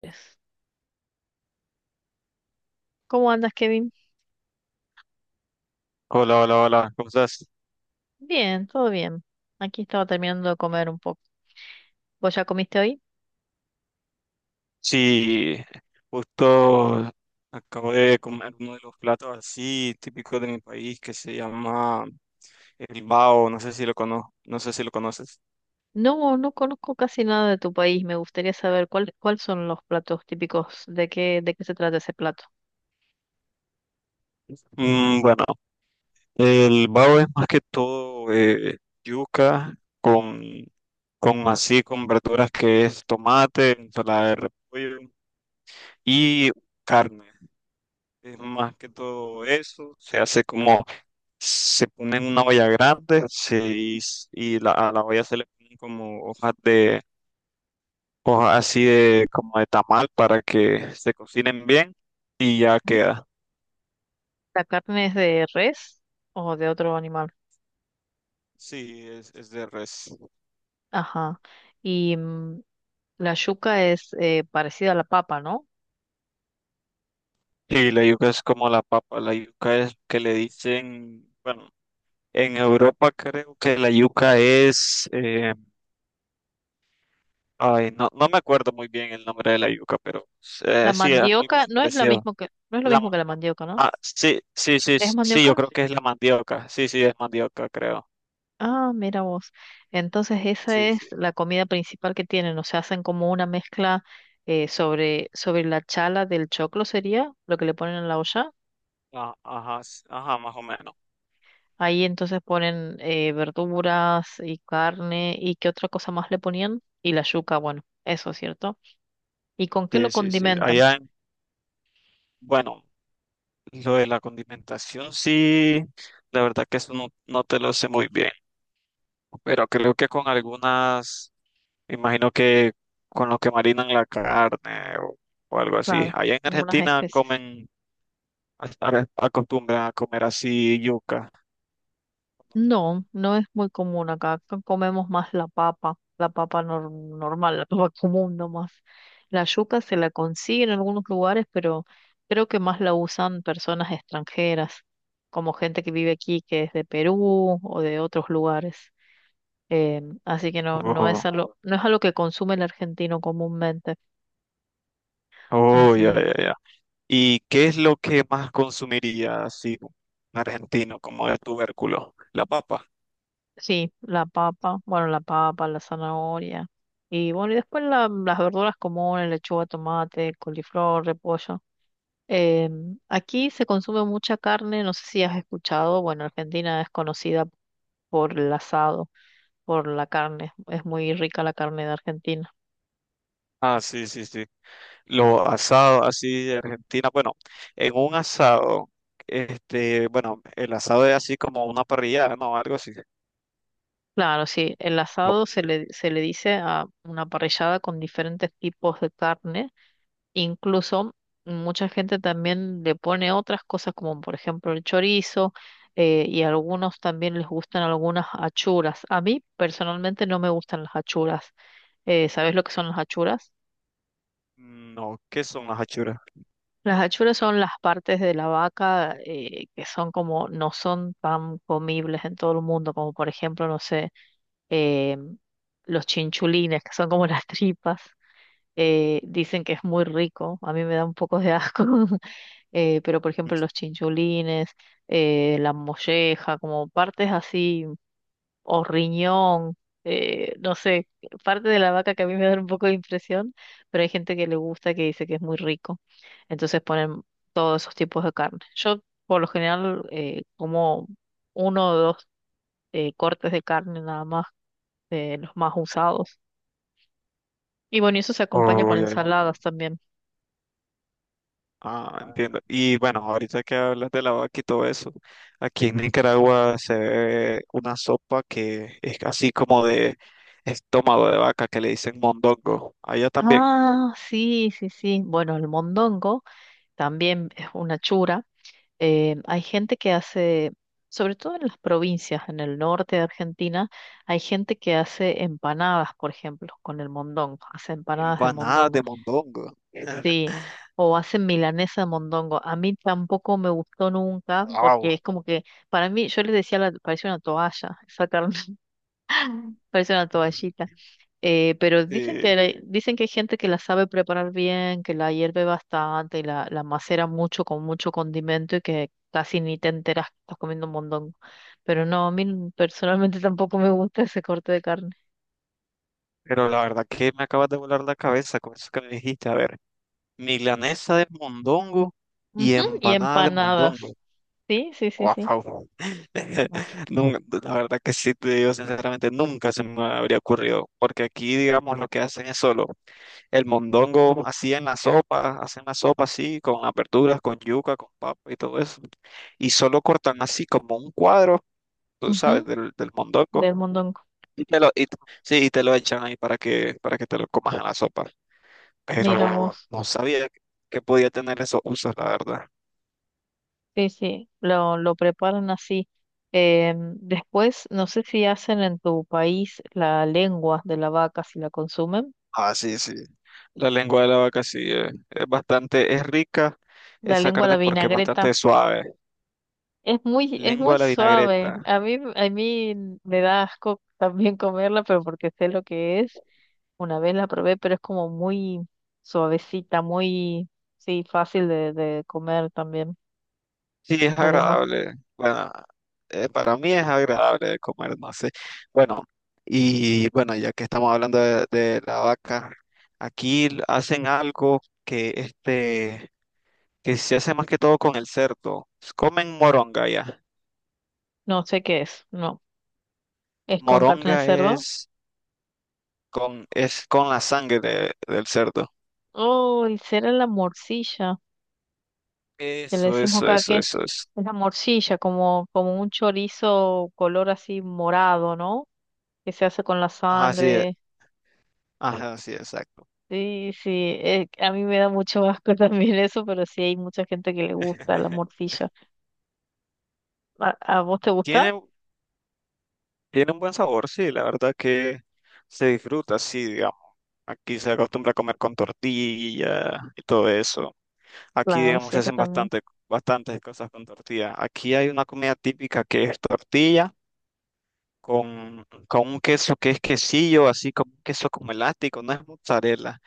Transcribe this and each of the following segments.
Pues, ¿cómo andas, Kevin? Hola, hola, hola, ¿cómo estás? Bien, todo bien. Aquí estaba terminando de comer un poco. ¿Vos ya comiste hoy? Sí, justo acabo de comer uno de los platos así típicos de mi país que se llama el bao, no sé si lo conoces. No, no conozco casi nada de tu país. Me gustaría saber cuáles son los platos típicos, de qué se trata ese plato. Bueno, el bao es más que todo yuca con, con así, con verduras que es tomate, ensalada de repollo y carne. Es más que todo eso, se hace como se pone en una olla grande se, y, s- y la, a la olla se le ponen como hojas así de, como de tamal para que se cocinen bien y ya ¿Mm? queda. ¿La carne es de res o de otro animal? Sí, es de res. Ajá. Y la yuca es parecida a la papa, ¿no? Y la yuca es como la papa, la yuca es que le dicen, bueno, en Europa creo que la yuca es, ay, no me acuerdo muy bien el nombre de la yuca, pero La sí, algo mandioca así no es lo parecido. mismo que, no es lo La mismo que la mandioca, ¿no? Ah, sí, sí, sí, ¿Es sí, yo mandioca? creo que es la mandioca. Sí, sí, es mandioca, creo. Ah, mira vos. Entonces esa Sí, es sí. la comida principal que tienen, o sea, hacen como una mezcla sobre la chala del choclo sería lo que le ponen en la olla. Ah, ajá, ajá, más o menos. Ahí entonces ponen verduras y carne y qué otra cosa más le ponían y la yuca, bueno, eso es cierto. ¿Y con qué lo Sí, sí, sí. condimentan? Bueno, lo de la condimentación, sí, la verdad que eso no, no te lo sé muy bien. Pero creo que con imagino que con lo que marinan la carne o algo así. Claro, Allá en unas Argentina especies. comen, acostumbran a comer así yuca. No, no es muy común acá. Acá comemos más la papa, normal, la papa común nomás. La yuca se la consigue en algunos lugares, pero creo que más la usan personas extranjeras, como gente que vive aquí, que es de Perú o de otros lugares. Así que no, Oh, no es algo que consume el argentino comúnmente. oh, ya, Así, ya, ya. ¿Y qué es lo que más consumiría así un argentino como de tubérculo? La papa. sí, la papa, bueno, la papa, la zanahoria. Y bueno, y después las verduras comunes, lechuga, tomate, coliflor, repollo. Aquí se consume mucha carne, no sé si has escuchado, bueno, Argentina es conocida por el asado, por la carne, es muy rica la carne de Argentina. Ah, sí, sí, sí. Lo asado así de Argentina. Bueno, en un asado, bueno, el asado es así como una parrilla, ¿no? Algo así. Claro, sí, el No, asado se le dice a una parrillada con diferentes tipos de carne, incluso mucha gente también le pone otras cosas como por ejemplo el chorizo y a algunos también les gustan algunas achuras. A mí personalmente no me gustan las achuras. ¿Sabes lo que son las achuras? no, ¿qué son las achuras? Las achuras son las partes de la vaca que son como, no son tan comibles en todo el mundo, como por ejemplo, no sé, eh, los chinchulines, que son como las tripas, dicen que es muy rico, a mí me da un poco de asco, pero por ejemplo los chinchulines, la molleja, como partes así o riñón, no sé, parte de la vaca que a mí me da un poco de impresión, pero hay gente que le gusta, que dice que es muy rico. Entonces ponen todos esos tipos de carne. Yo por lo general como uno o dos cortes de carne nada más, los más usados. Y bueno, y eso se acompaña Oh, con ya, ya. ensaladas también. Ah, entiendo. Y bueno, ahorita que hablas de la vaca y todo eso, aquí en Nicaragua se ve una sopa que es así como de estómago de vaca que le dicen mondongo. Allá también. Ah, sí, sí, sí. Bueno, el mondongo también es una chura hay gente que hace, sobre todo en las provincias, en el norte de Argentina, hay gente que hace empanadas, por ejemplo, con el mondongo, hace empanadas de Empanadas mondongo, de mondongo. sí, o hacen milanesa de mondongo. A mí tampoco me gustó nunca, porque Wow. es como que, para mí, yo les decía, parece una toalla, esa carne, parece una toallita. Pero dicen que, Sí, dicen que hay gente que la sabe preparar bien, que la hierve bastante y la macera mucho con mucho condimento y que casi ni te enteras que estás comiendo un montón. Pero no, a mí personalmente tampoco me gusta ese corte de carne. pero la verdad que me acabas de volar la cabeza con eso que me dijiste. A ver, milanesa de mondongo Ujú. y Y empanada de mondongo. empanadas, sí, sí, sí, sí. Wow. Ay. Nun- la verdad que sí te digo sinceramente, nunca se me habría ocurrido, porque aquí, digamos, lo que hacen es solo el mondongo así en la sopa, hacen la sopa así, con aperturas, con yuca, con papa y todo eso, y solo cortan así como un cuadro, tú sabes, Ujú. Del mondongo, Del mondongo. y te lo, y, sí, y te lo echan ahí para para que te lo comas en la sopa. Mira Pero vos, no sabía que podía tener esos usos, la verdad. sí, sí, lo preparan así. Después, no sé si hacen en tu país la lengua de la vaca, si la consumen. Ah, sí, sí. La lengua de la vaca sí es bastante, es rica La esa lengua, la carne porque es vinagreta. bastante suave. Es Lengua muy de la suave. vinagreta. A mí me da asco también comerla, pero porque sé lo que es. Una vez la probé, pero es como muy suavecita, muy, sí, fácil de comer también. Sí, es La lengua. agradable. Bueno, para mí es agradable de comer, no sé. Bueno, y bueno, ya que estamos hablando de la vaca, hacen algo que se hace más que todo con el cerdo. Comen moronga ya. No sé qué es. No. ¿Es con carne de Moronga cerdo? es es con la sangre del cerdo. Oh, y será la morcilla, que le Eso, decimos eso, acá eso, que eso, eso. es la morcilla, como, como un chorizo color así morado, ¿no? Que se hace con la Ajá, sí, sangre. ajá, sí, exacto. Sí, sí, a mí me da mucho asco también eso, pero sí hay mucha gente que le gusta la morcilla. A vos te gusta? Tiene, tiene un buen sabor, sí, la verdad que se disfruta, sí, digamos. Aquí se acostumbra a comer con tortilla y todo eso. Aquí, Claro, digamos, sí, acá también. Bastantes cosas con tortilla. Aquí hay una comida típica que es tortilla con un queso que es quesillo, así como un queso como elástico, no es mozzarella,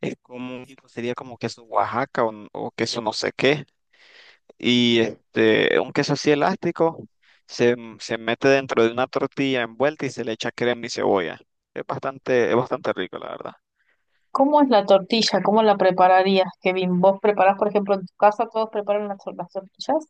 es como, sería como queso Oaxaca o queso no sé qué. Y este, un queso así elástico se mete dentro de una tortilla envuelta y se le echa crema y cebolla. Es bastante rico, la verdad. ¿Cómo es la tortilla? ¿Cómo la prepararías, Kevin? ¿Vos preparás, por ejemplo, en tu casa todos preparan las, las tortillas?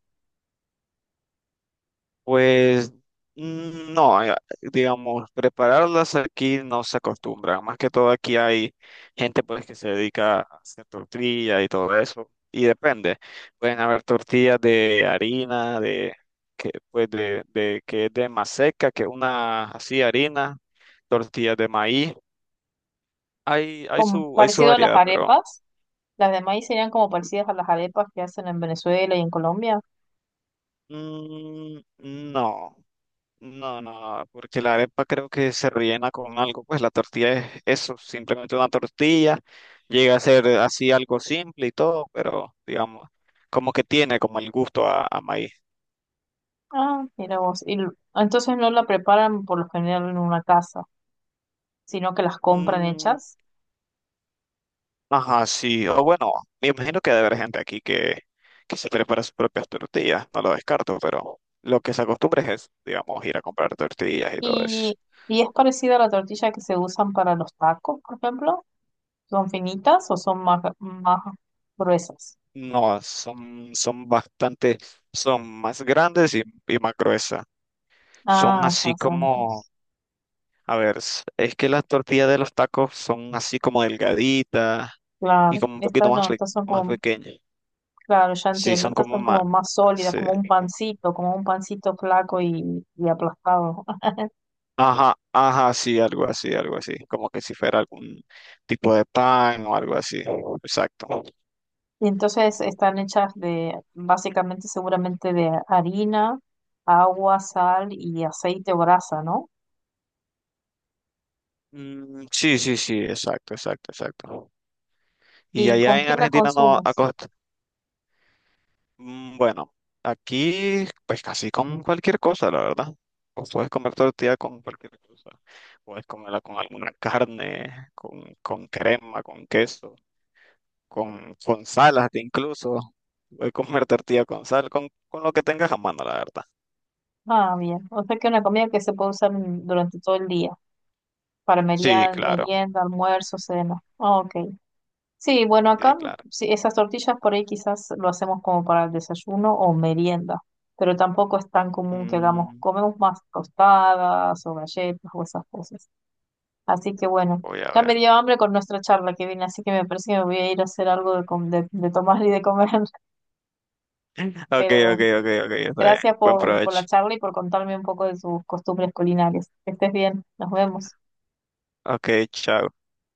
Pues no, digamos, prepararlas aquí no se acostumbra. Más que todo aquí hay gente pues que se dedica a hacer tortilla y todo eso. Y depende. Pueden haber tortillas de harina, de que pues de que es de maseca, que es una así harina, tortillas de maíz. Como Hay su parecido a las variedad, pero arepas. Las de maíz serían como parecidas a las arepas que hacen en Venezuela y en Colombia. mm, no, no, no, porque la arepa creo que se rellena con algo, pues la tortilla es eso, simplemente una tortilla, llega a ser así algo simple y todo, pero digamos, como que tiene como el gusto a maíz. Ah, mira vos. Entonces no la preparan por lo general en una casa, sino que las compran Mm, hechas. ajá, sí, o bueno, me imagino que debe haber gente que se prepara sus propias tortillas, no lo descarto, pero lo que se acostumbra es, digamos, ir a comprar tortillas y todo eso. Y, y es parecida a la tortilla que se usan para los tacos, por ejemplo. ¿Son finitas o son más, más gruesas? No, son bastante, son más grandes y más gruesas. Son Ah, así ya como, santos. a ver, es que las tortillas de los tacos son así como delgaditas y Claro, como un poquito estas no, más, estas son más como, pequeñas. claro, ya Sí, entiendo, estas son como más sólidas, sí. Como un pancito flaco y aplastado. Ajá, ajá, sí, algo así, algo así. Como que si fuera algún tipo de pan o algo así. Exacto. Y entonces están hechas de, básicamente, seguramente de harina, agua, sal y aceite o grasa, ¿no? Mm, sí, sí, sí, exacto, exacto, exacto. Y ¿Y allá con en qué la Argentina no consumes? acostumbran. Mm, bueno, aquí pues casi con cualquier cosa, la verdad. O puedes comer tortilla con cualquier cosa. Puedes comerla con alguna carne, con crema, con queso, con sal hasta incluso. Puedes comer tortilla con sal, con lo que tengas a mano, la verdad. Ah, bien. O sea que una comida que se puede usar durante todo el día, para Sí, merienda, claro, merienda, almuerzo, cena. Ah, ok. Sí, bueno, sí, acá claro. sí, esas tortillas por ahí quizás lo hacemos como para el desayuno o merienda, pero tampoco es tan común que hagamos, Mm, comemos más tostadas o galletas o esas cosas. Así que bueno, voy a ya me ver. dio hambre con nuestra charla que viene, así que me parece que me voy a ir a hacer algo de tomar y de comer, Ok, pero ok, ok, ok, está bien. gracias Buen por la provecho. charla y por contarme un poco de sus costumbres culinarias. Que estés bien, nos vemos. Ok, chao.